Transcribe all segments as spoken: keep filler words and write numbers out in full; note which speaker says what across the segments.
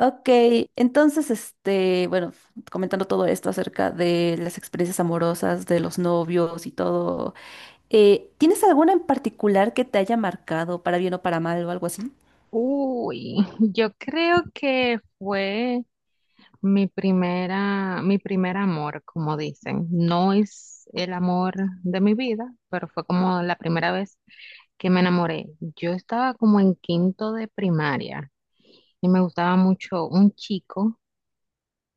Speaker 1: Ok, entonces, este, bueno, comentando todo esto acerca de las experiencias amorosas, de los novios y todo, eh, ¿tienes alguna en particular que te haya marcado para bien o para mal o algo así?
Speaker 2: Uy, yo creo que fue mi primera, mi primer amor, como dicen. No es el amor de mi vida, pero fue como la primera vez que me enamoré. Yo estaba como en quinto de primaria y me gustaba mucho un chico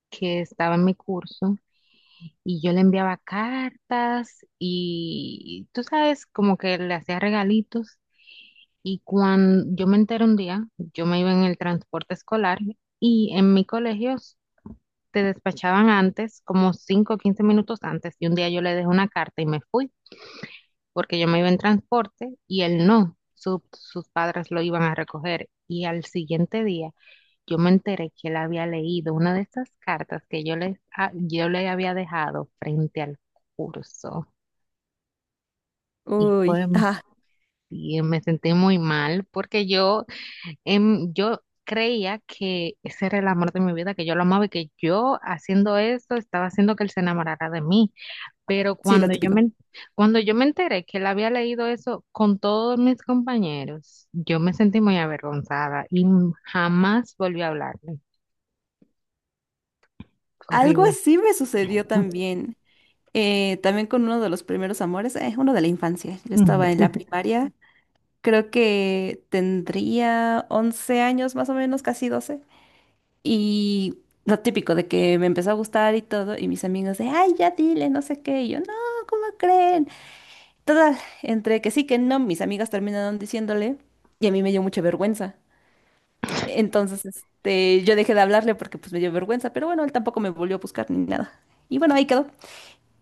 Speaker 2: que estaba en mi curso y yo le enviaba cartas y tú sabes, como que le hacía regalitos. Y cuando yo me enteré un día, yo me iba en el transporte escolar y en mi colegio te despachaban antes, como cinco o quince minutos antes. Y un día yo le dejé una carta y me fui porque yo me iba en transporte y él no, su- sus padres lo iban a recoger. Y al siguiente día yo me enteré que él había leído una de esas cartas que yo le, a- yo le había dejado frente al curso. Y fue,
Speaker 1: Uy, ajá,
Speaker 2: y me sentí muy mal porque yo Em, yo creía que ese era el amor de mi vida, que yo lo amaba y que yo haciendo eso estaba haciendo que él se enamorara de mí. Pero
Speaker 1: sí, lo
Speaker 2: cuando yo
Speaker 1: típico.
Speaker 2: me, cuando yo me enteré que él había leído eso con todos mis compañeros, yo me sentí muy avergonzada y jamás volví a hablarle.
Speaker 1: Algo
Speaker 2: Horrible.
Speaker 1: así me sucedió también, eh, también con uno de los primeros amores, eh, uno de la infancia. Yo estaba en la primaria, creo que tendría once años más o menos, casi doce. Y lo típico de que me empezó a gustar y todo, y mis amigos de, ay, ya dile, no sé qué, y yo, no, ¿cómo creen? Todas, entre que sí, que no, mis amigas terminaron diciéndole, y a mí me dio mucha vergüenza. Entonces, este, yo dejé de hablarle porque pues me dio vergüenza, pero bueno, él tampoco me volvió a buscar ni nada. Y bueno, ahí quedó.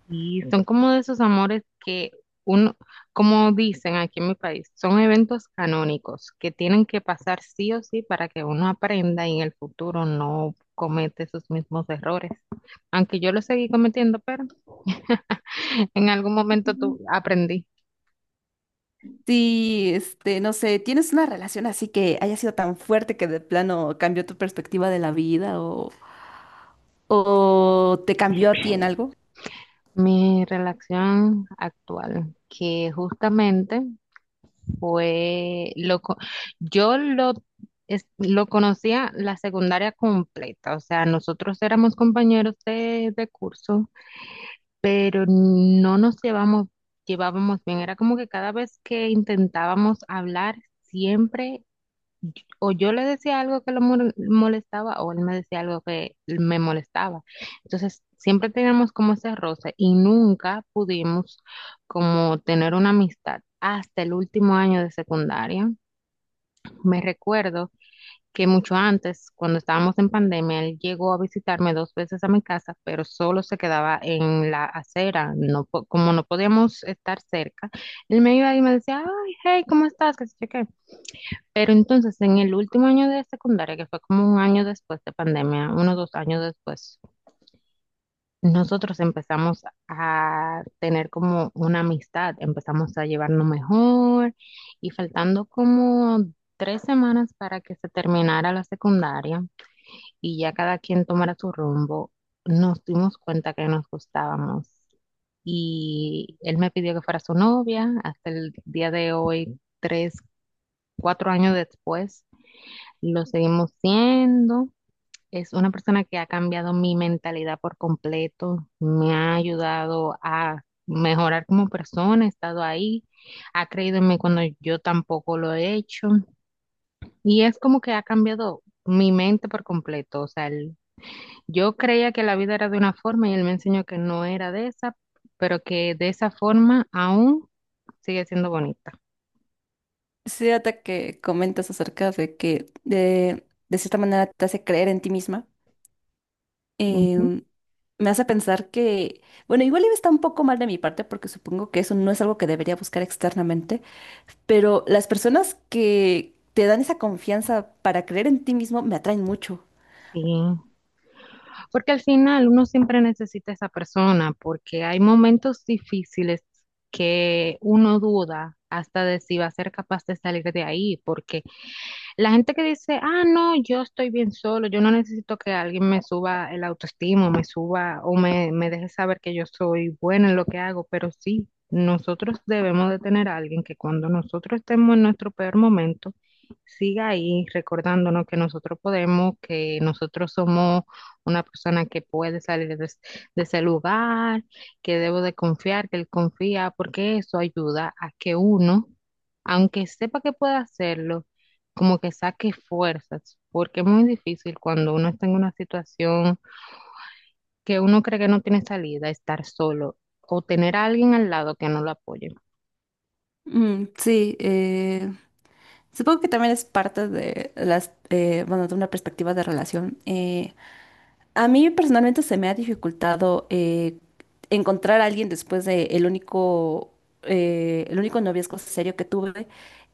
Speaker 2: Y son como de esos amores que uno, como dicen aquí en mi país, son eventos canónicos que tienen que pasar sí o sí para que uno aprenda y en el futuro no comete esos mismos errores. Aunque yo lo seguí cometiendo, pero en algún momento tu-
Speaker 1: Ujú.
Speaker 2: aprendí.
Speaker 1: Sí, este, no sé, ¿tienes una relación así que haya sido tan fuerte que de plano cambió tu perspectiva de la vida o, o te cambió a ti en algo?
Speaker 2: Mi relación actual, que justamente fue lo co- yo lo es- lo conocía la secundaria completa, o sea, nosotros éramos compañeros de, de curso, pero no nos llevamos llevábamos bien, era como que cada vez que intentábamos hablar siempre o yo le decía algo que lo mol- molestaba o él me decía algo que me molestaba. Entonces, siempre teníamos como ese roce y nunca pudimos como tener una amistad hasta el último año de secundaria. Me recuerdo que mucho antes, cuando estábamos en pandemia, él llegó a visitarme dos veces a mi casa, pero solo se quedaba en la acera, no, po- como no podíamos estar cerca. Él me iba y me decía, ay, hey, ¿cómo estás? ¿Qué sé yo qué? Pero entonces en el último año de secundaria, que fue como un año después de pandemia, unos dos años después, nosotros empezamos a tener como una amistad, empezamos a llevarnos mejor y faltando como tres semanas para que se terminara la secundaria y ya cada quien tomara su rumbo, nos dimos cuenta que nos gustábamos y él me pidió que fuera su novia. Hasta el día de hoy, tres, cuatro años después lo seguimos siendo. Es una persona que ha cambiado mi mentalidad por completo, me ha ayudado a mejorar como persona, ha estado ahí, ha creído en mí cuando yo tampoco lo he hecho y es como que ha cambiado mi mente por completo. O sea, él yo creía que la vida era de una forma y él me enseñó que no era de esa, pero que de esa forma aún sigue siendo bonita.
Speaker 1: Sí, ahorita que comentas acerca de que de, de cierta manera te hace creer en ti misma,
Speaker 2: Ujú.
Speaker 1: em, me hace pensar que, bueno, igual iba está un poco mal de mi parte porque supongo que eso no es algo que debería buscar externamente, pero las personas que te dan esa confianza para creer en ti mismo me atraen mucho.
Speaker 2: Sí. Porque al final uno siempre necesita a esa persona, porque hay momentos difíciles que uno duda hasta de si va a ser capaz de salir de ahí, porque la gente que dice, ah, no, yo estoy bien solo, yo no necesito que alguien me suba el autoestima, me suba o me, me deje saber que yo soy buena en lo que hago, pero sí, nosotros debemos de tener a alguien que cuando nosotros estemos en nuestro peor momento, siga ahí recordándonos que nosotros podemos, que nosotros somos una persona que puede salir de, es- de ese lugar, que debo de confiar, que él confía, porque eso ayuda a que uno, aunque sepa que puede hacerlo, como que saque fuerzas, porque es muy difícil cuando uno está en una situación que uno cree que no tiene salida, estar solo o tener a alguien al lado que no lo apoye.
Speaker 1: Mm, sí, eh, supongo que también es parte de las, eh, bueno, de una perspectiva de relación. Eh, A mí personalmente se me ha dificultado eh, encontrar a alguien después de el único, eh, el único noviazgo serio que tuve,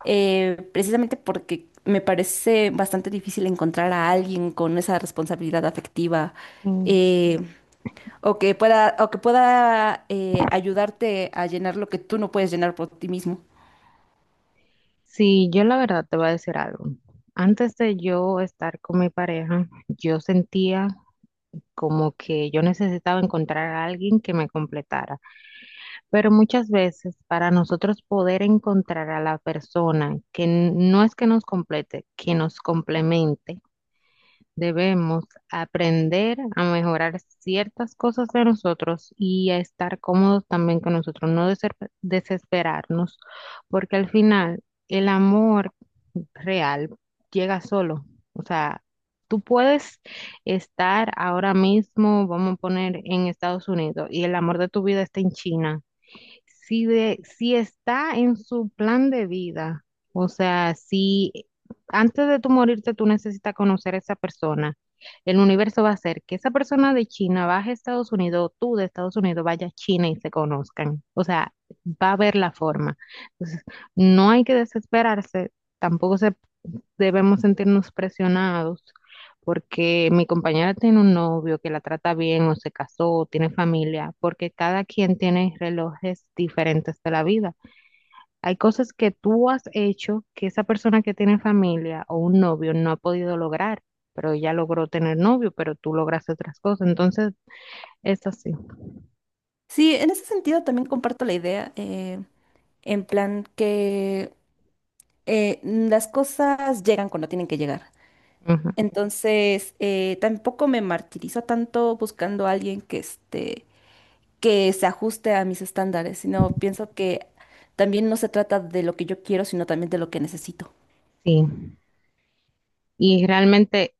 Speaker 1: eh, precisamente porque me parece bastante difícil encontrar a alguien con esa responsabilidad afectiva
Speaker 2: Mm,
Speaker 1: eh, o que pueda, o que pueda eh, ayudarte a llenar lo que tú no puedes llenar por ti mismo.
Speaker 2: Sí, yo la verdad te voy a decir algo. Antes de yo estar con mi pareja, yo sentía como que yo necesitaba encontrar a alguien que me completara. Pero muchas veces para nosotros poder encontrar a la persona que n- no es que nos complete, que nos complemente, debemos aprender a mejorar ciertas cosas de nosotros y a estar cómodos también con nosotros, no deser- desesperarnos, porque al final el amor real llega solo. O sea, tú puedes estar ahora mismo, vamos a poner en Estados Unidos, y el amor de tu vida está en China. Si, de, si está en su plan de vida, o sea, si antes de tú morirte tú necesitas conocer a esa persona, el universo va a hacer que esa persona de China baje a Estados Unidos, o tú de Estados Unidos vaya a China y se conozcan. O sea, va a haber la forma. Entonces, no hay que desesperarse, tampoco se debemos sentirnos presionados porque mi compañera tiene un novio que la trata bien o se casó o tiene familia, porque cada quien tiene relojes diferentes de la vida. Hay cosas que tú has hecho que esa persona que tiene familia o un novio no ha podido lograr, pero ella logró tener novio, pero tú lograste otras cosas. Entonces, es así.
Speaker 1: Sí, en ese sentido también comparto la idea. Eh, en plan que eh, las cosas llegan cuando tienen que llegar.
Speaker 2: Ujú.
Speaker 1: Entonces, eh, tampoco me martirizo tanto buscando a alguien que este, que se ajuste a mis estándares, sino pienso que también no se trata de lo que yo quiero, sino también de lo que necesito.
Speaker 2: Sí. Y realmente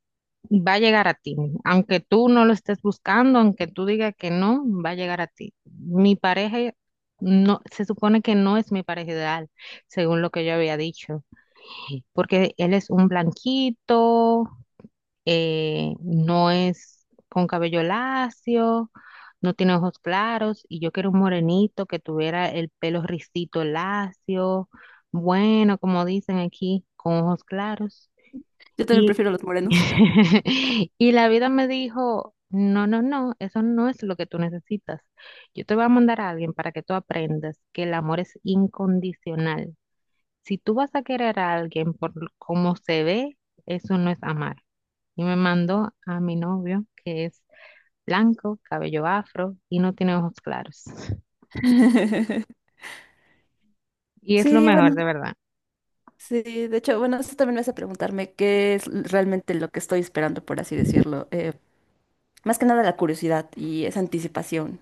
Speaker 2: va a llegar a ti, aunque tú no lo estés buscando, aunque tú digas que no, va a llegar a ti. Mi pareja no, se supone que no es mi pareja ideal, según lo que yo había dicho, porque él es un blanquito, eh, no es con cabello lacio, no tiene ojos claros, y yo quiero un morenito que tuviera el pelo ricito lacio, bueno, como dicen aquí, con ojos claros.
Speaker 1: Yo también
Speaker 2: Y,
Speaker 1: prefiero los morenos.
Speaker 2: y la vida me dijo, no, no, no, eso no es lo que tú necesitas. Yo te voy a mandar a alguien para que tú aprendas que el amor es incondicional. Si tú vas a querer a alguien por l- cómo se ve, eso no es amar. Y me mandó a mi novio, que es blanco, cabello afro y no tiene ojos claros. Y es lo
Speaker 1: Sí,
Speaker 2: mejor,
Speaker 1: bueno,
Speaker 2: de verdad.
Speaker 1: sí, de hecho, bueno, eso también me hace preguntarme qué es realmente lo que estoy esperando, por así decirlo. eh, Más que nada la curiosidad y esa anticipación,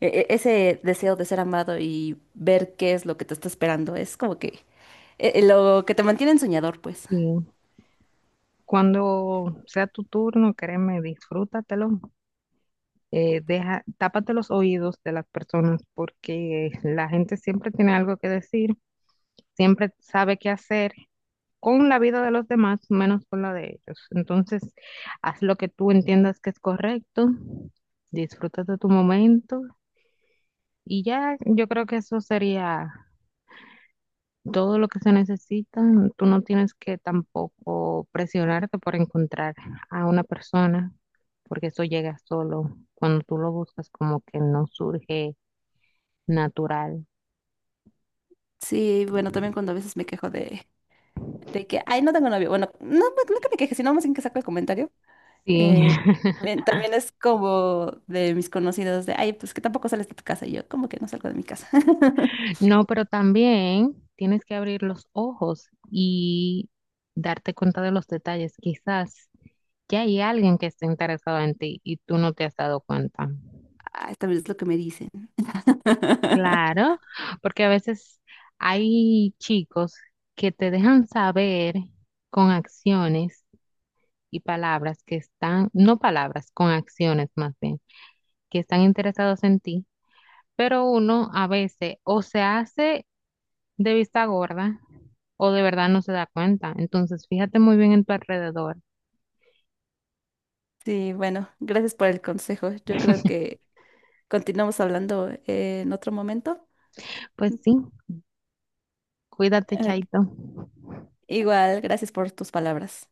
Speaker 1: e- e- ese deseo de ser amado y ver qué es lo que te está esperando, es como que eh, eh, lo que te mantiene soñador, pues.
Speaker 2: Y cuando sea tu turno, créeme, disfrútatelo, eh, deja, tápate los oídos de las personas porque la gente siempre tiene algo que decir, siempre sabe qué hacer con la vida de los demás, menos con la de ellos. Entonces, haz lo que tú entiendas que es correcto, disfruta de tu momento y ya yo creo que eso sería todo lo que se necesita. Tú no tienes que tampoco presionarte por encontrar a una persona, porque eso llega solo. Cuando tú lo buscas, como que no surge natural.
Speaker 1: Sí, bueno, también cuando a veces me quejo de, de que, ay, no tengo novio. Bueno, no, no no que me queje, sino más bien que saco el comentario.
Speaker 2: Sí.
Speaker 1: Eh, Bien, también es como de mis conocidos de, ay, pues que tampoco sales de tu casa. Y yo, como que no salgo de mi casa.
Speaker 2: No, pero también tienes que abrir los ojos y darte cuenta de los detalles. Quizás ya hay alguien que esté interesado en ti y tú no te has dado cuenta.
Speaker 1: Ah, también es lo que me dicen.
Speaker 2: Claro, porque a veces hay chicos que te dejan saber con acciones y palabras que están, no palabras, con acciones más bien, que están interesados en ti, pero uno a veces o se hace de vista gorda o de verdad no se da cuenta. Entonces, fíjate muy bien en tu alrededor.
Speaker 1: Sí, bueno, gracias por el consejo. Yo creo que continuamos hablando eh, en otro momento.
Speaker 2: Pues sí, cuídate,
Speaker 1: Eh,
Speaker 2: Chaito.
Speaker 1: Igual, gracias por tus palabras.